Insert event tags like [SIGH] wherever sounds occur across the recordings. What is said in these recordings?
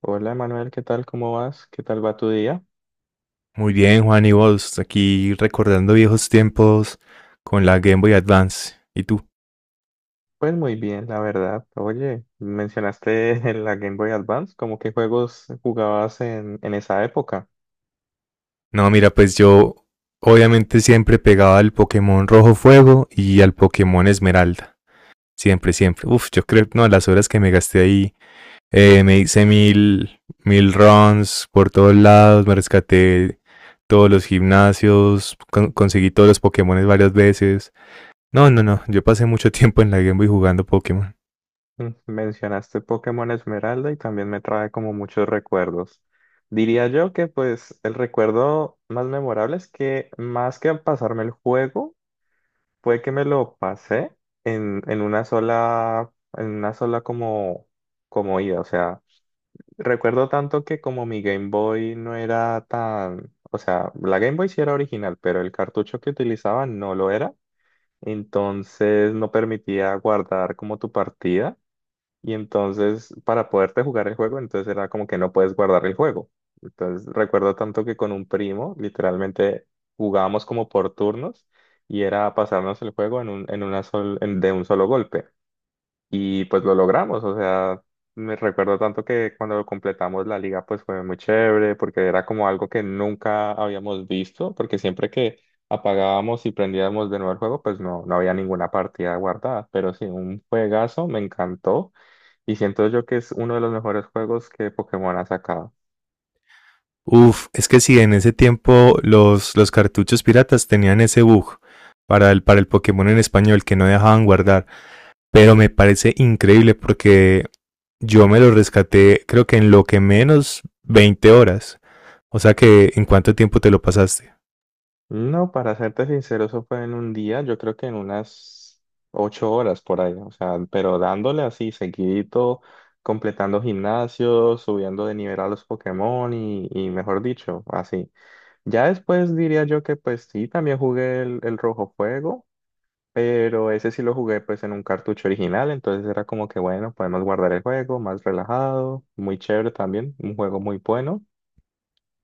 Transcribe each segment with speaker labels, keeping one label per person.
Speaker 1: Hola Manuel, ¿qué tal? ¿Cómo vas? ¿Qué tal va tu día?
Speaker 2: Muy bien, Juan, y vos, aquí recordando viejos tiempos con la Game Boy Advance. ¿Y tú?
Speaker 1: Pues muy bien, la verdad. Oye, mencionaste [LAUGHS] la Game Boy Advance, ¿cómo qué juegos jugabas en esa época?
Speaker 2: No, mira, pues yo obviamente siempre pegaba al Pokémon Rojo Fuego y al Pokémon Esmeralda. Siempre, siempre. Uf, yo creo, no, las horas que me gasté ahí, me hice mil runs por todos lados, me rescaté todos los gimnasios, conseguí todos los Pokémones varias veces. No, no, no, yo pasé mucho tiempo en la Game Boy jugando Pokémon.
Speaker 1: Mencionaste Pokémon Esmeralda y también me trae como muchos recuerdos. Diría yo que pues el recuerdo más memorable es que más que pasarme el juego, fue que me lo pasé en una sola como ida, o sea. Recuerdo tanto que como mi Game Boy no era tan, o sea, la Game Boy sí era original, pero el cartucho que utilizaba no lo era, entonces no permitía guardar como tu partida y entonces para poderte jugar el juego, entonces era como que no puedes guardar el juego. Entonces recuerdo tanto que con un primo literalmente jugábamos como por turnos y era pasarnos el juego en un, en una sol- en- de un solo golpe. Y pues lo logramos, o sea, me recuerdo tanto que cuando completamos la liga pues fue muy chévere porque era como algo que nunca habíamos visto, porque siempre que apagábamos y prendíamos de nuevo el juego pues no, no había ninguna partida guardada, pero sí, un juegazo, me encantó y siento yo que es uno de los mejores juegos que Pokémon ha sacado.
Speaker 2: Uf, es que sí, en ese tiempo los cartuchos piratas tenían ese bug para el Pokémon en español que no dejaban guardar. Pero me parece increíble porque yo me lo rescaté creo que en lo que menos 20 horas. O sea que, ¿en cuánto tiempo te lo pasaste?
Speaker 1: No, para serte sincero, eso fue en un día, yo creo que en unas 8 horas por ahí, o sea, pero dándole así seguidito, completando gimnasios, subiendo de nivel a los Pokémon y mejor dicho, así. Ya después diría yo que pues sí, también jugué el Rojo Fuego, pero ese sí lo jugué pues en un cartucho original, entonces era como que bueno, podemos guardar el juego, más relajado, muy chévere también, un juego muy bueno.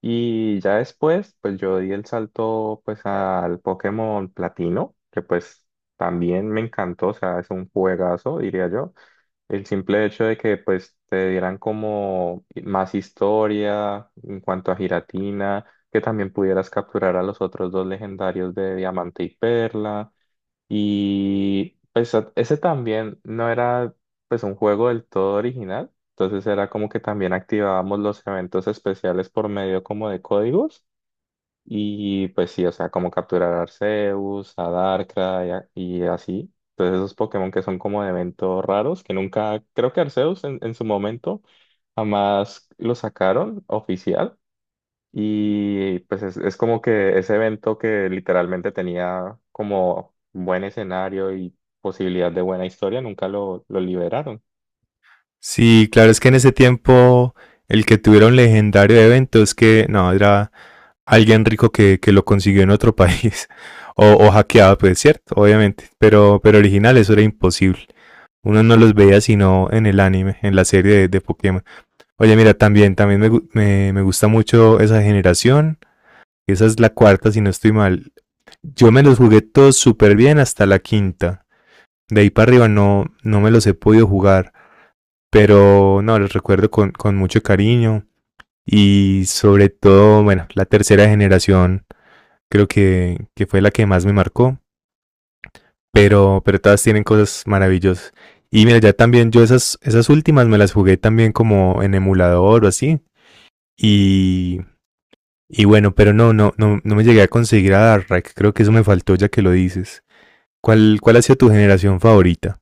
Speaker 1: Y ya después, pues yo di el salto pues al Pokémon Platino, que pues también me encantó, o sea, es un juegazo, diría yo. El simple hecho de que pues te dieran como más historia en cuanto a Giratina, que también pudieras capturar a los otros dos legendarios de Diamante y Perla. Y pues ese también no era pues un juego del todo original, entonces era como que también activábamos los eventos especiales por medio como de códigos y pues sí, o sea, como capturar a Arceus, a Darkrai y así. Entonces esos Pokémon que son como de eventos raros, que nunca, creo que Arceus en su momento jamás lo sacaron oficial, y pues es como que ese evento que literalmente tenía como buen escenario y posibilidad de buena historia, nunca lo liberaron.
Speaker 2: Sí, claro, es que en ese tiempo el que tuviera un legendario de evento es que, no, era alguien rico que lo consiguió en otro país. [LAUGHS] O hackeado, pues cierto, obviamente. Pero original, eso era imposible. Uno no los veía sino en el anime, en la serie de Pokémon. Oye, mira, también, también me gusta mucho esa generación. Esa es la cuarta, si no estoy mal. Yo me los jugué todos súper bien hasta la quinta. De ahí para arriba no, no me los he podido jugar. Pero no, los recuerdo con mucho cariño. Y sobre todo, bueno, la tercera generación creo que fue la que más me marcó. Pero todas tienen cosas maravillosas. Y mira, ya también yo esas últimas me las jugué también como en emulador o así. Y, y bueno, pero no, no, no, no me llegué a conseguir a Darkrai. Creo que eso me faltó ya que lo dices. ¿Cuál ha sido tu generación favorita?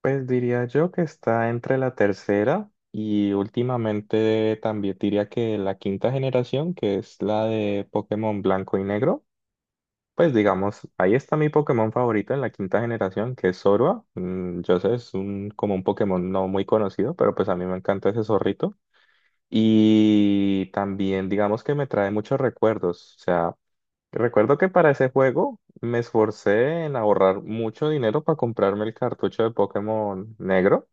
Speaker 1: Pues diría yo que está entre la tercera y últimamente también diría que la quinta generación, que es la de Pokémon Blanco y Negro. Pues digamos, ahí está mi Pokémon favorito en la quinta generación, que es Zorua. Yo sé, es un, como un Pokémon no muy conocido, pero pues a mí me encanta ese zorrito. Y también digamos que me trae muchos recuerdos. O sea, recuerdo que para ese juego me esforcé en ahorrar mucho dinero para comprarme el cartucho de Pokémon negro.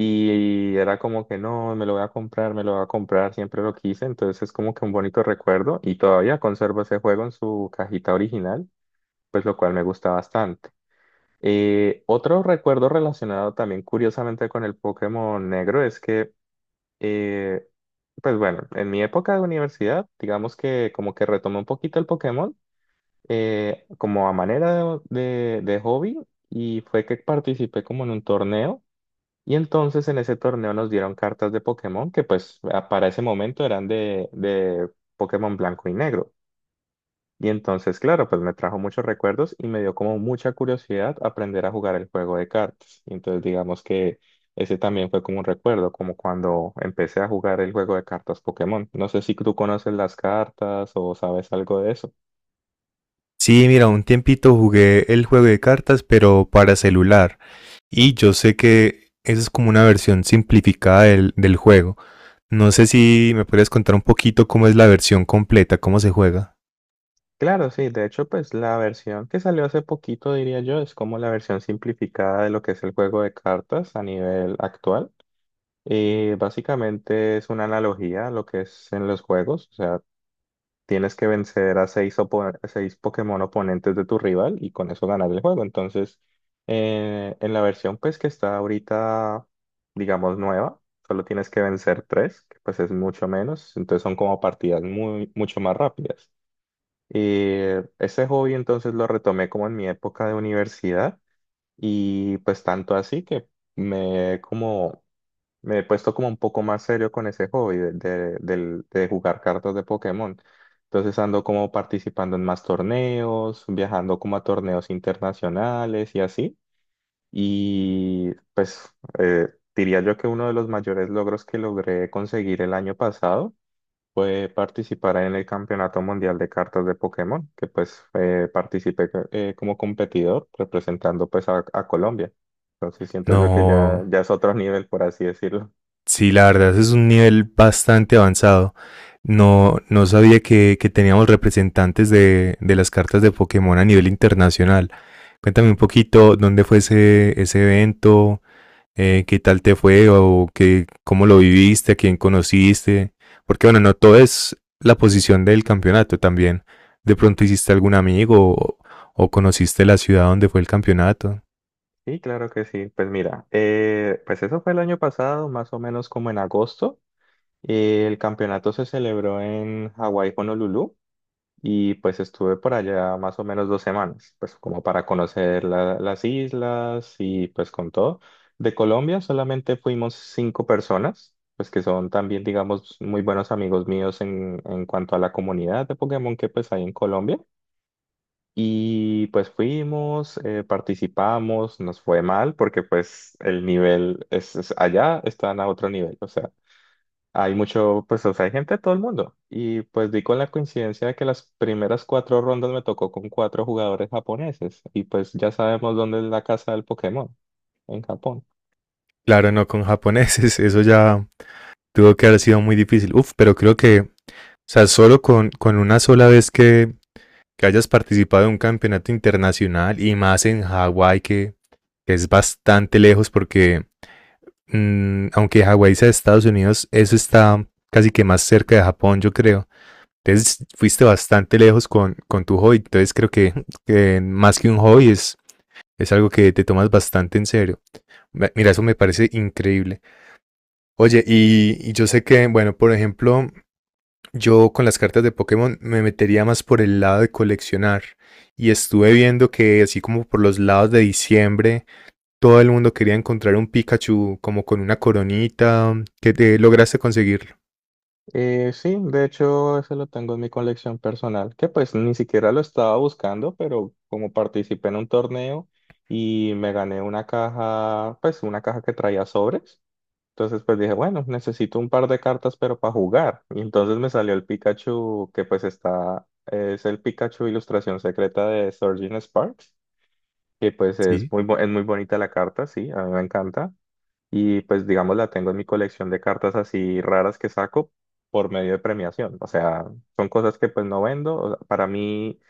Speaker 1: Y era como que no, me lo voy a comprar, me lo voy a comprar, siempre lo quise. Entonces es como que un bonito recuerdo. Y todavía conservo ese juego en su cajita original, pues lo cual me gusta bastante. Otro recuerdo relacionado también curiosamente con el Pokémon negro es que eh, pues bueno, en mi época de universidad, digamos que como que retomé un poquito el Pokémon como a manera de hobby y fue que participé como en un torneo y entonces en ese torneo nos dieron cartas de Pokémon que pues para ese momento eran de Pokémon blanco y negro. Y entonces, claro, pues me trajo muchos recuerdos y me dio como mucha curiosidad aprender a jugar el juego de cartas. Y entonces digamos que ese también fue como un recuerdo, como cuando empecé a jugar el juego de cartas Pokémon. No sé si tú conoces las cartas o sabes algo de eso.
Speaker 2: Sí, mira, un tiempito jugué el juego de cartas, pero para celular. Y yo sé que esa es como una versión simplificada del juego. No sé si me puedes contar un poquito cómo es la versión completa, cómo se juega.
Speaker 1: Claro, sí, de hecho, pues la versión que salió hace poquito, diría yo, es como la versión simplificada de lo que es el juego de cartas a nivel actual. Y básicamente es una analogía a lo que es en los juegos. O sea, tienes que vencer a seis Pokémon oponentes de tu rival y con eso ganar el juego. Entonces, en la versión pues que está ahorita, digamos, nueva, solo tienes que vencer tres, que pues es mucho menos. Entonces son como partidas muy, mucho más rápidas. Y ese hobby entonces lo retomé como en mi época de universidad y pues tanto así que me he como me he puesto como un poco más serio con ese hobby de jugar cartas de Pokémon. Entonces ando como participando en más torneos, viajando como a torneos internacionales y así. Y pues eh, diría yo que uno de los mayores logros que logré conseguir el año pasado fue participar en el Campeonato Mundial de Cartas de Pokémon, que pues participé como competidor representando pues a Colombia. Entonces siento yo que
Speaker 2: No,
Speaker 1: ya, ya es otro [LAUGHS] nivel, por así decirlo.
Speaker 2: sí, la verdad es un nivel bastante avanzado. No, no sabía que teníamos representantes de las cartas de Pokémon a nivel internacional. Cuéntame un poquito dónde fue ese evento, qué tal te fue o qué, cómo lo viviste, a quién conociste. Porque bueno, no todo es la posición del campeonato también. De pronto hiciste algún amigo o conociste la ciudad donde fue el campeonato.
Speaker 1: Sí, claro que sí. Pues mira, pues eso fue el año pasado, más o menos como en agosto. El campeonato se celebró en Hawái, Honolulu, y pues estuve por allá más o menos 2 semanas, pues como para conocer las islas y pues con todo. De Colombia solamente fuimos cinco personas, pues que son también, digamos, muy buenos amigos míos en cuanto a la comunidad de Pokémon que pues hay en Colombia. Y pues fuimos, participamos, nos fue mal porque pues el nivel es, allá están a otro nivel, o sea, hay mucho, pues o sea, hay gente de todo el mundo. Y pues di con la coincidencia de que las primeras cuatro rondas me tocó con cuatro jugadores japoneses y pues ya sabemos dónde es la casa del Pokémon, en Japón.
Speaker 2: Claro, no con japoneses, [LAUGHS] eso ya tuvo que haber sido muy difícil. Uf, pero creo que o sea, solo con una sola vez que hayas participado en un campeonato internacional y más en Hawái, que es bastante lejos porque aunque Hawái sea de Estados Unidos, eso está casi que más cerca de Japón, yo creo. Entonces fuiste bastante lejos con tu hobby. Entonces creo que más que un hobby es algo que te tomas bastante en serio. Mira, eso me parece increíble. Oye, y yo sé que, bueno, por ejemplo, yo con las cartas de Pokémon me metería más por el lado de coleccionar y estuve viendo que así como por los lados de diciembre todo el mundo quería encontrar un Pikachu como con una coronita que te lograste conseguirlo.
Speaker 1: Sí, de hecho, ese lo tengo en mi colección personal, que pues ni siquiera lo estaba buscando, pero como participé en un torneo y me gané una caja, pues una caja que traía sobres, entonces pues dije, bueno, necesito un par de cartas, pero para jugar. Y entonces me salió el Pikachu, que pues está, es el Pikachu ilustración secreta de Surgeon Sparks, que pues es
Speaker 2: Sí.
Speaker 1: muy bonita la carta, sí, a mí me encanta y pues digamos la tengo en mi colección de cartas así raras que saco por medio de premiación. O sea, son cosas que pues no vendo. O sea, para mí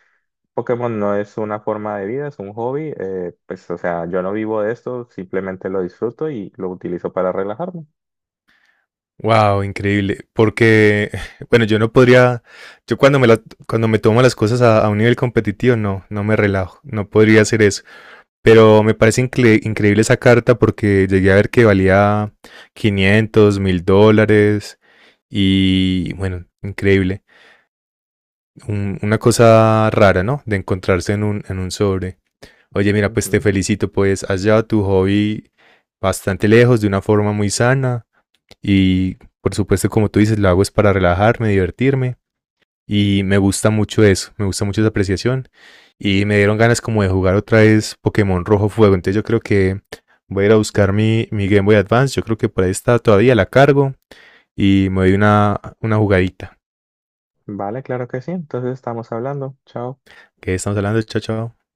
Speaker 1: Pokémon no es una forma de vida, es un hobby. Pues o sea, yo no vivo de esto, simplemente lo disfruto y lo utilizo para relajarme.
Speaker 2: Wow, increíble, porque [LAUGHS] bueno, yo no podría, yo cuando me tomo las cosas a un nivel competitivo no, no me relajo, no podría hacer eso. Pero me parece increíble esa carta porque llegué a ver que valía $500.000 y bueno, increíble. Una cosa rara, ¿no? De encontrarse en un sobre. Oye, mira, pues te
Speaker 1: Ujú.
Speaker 2: felicito, pues has llevado tu hobby bastante lejos de una forma muy sana y por supuesto, como tú dices, lo hago es para relajarme, divertirme. Y me gusta mucho eso, me gusta mucho esa apreciación. Y me dieron ganas como de jugar otra vez Pokémon Rojo Fuego. Entonces yo creo que voy a ir a buscar mi Game Boy Advance. Yo creo que por ahí está todavía, la cargo y me doy una jugadita.
Speaker 1: Vale, claro que sí. Entonces estamos hablando. Chao.
Speaker 2: ¿Qué estamos hablando, chao, chao?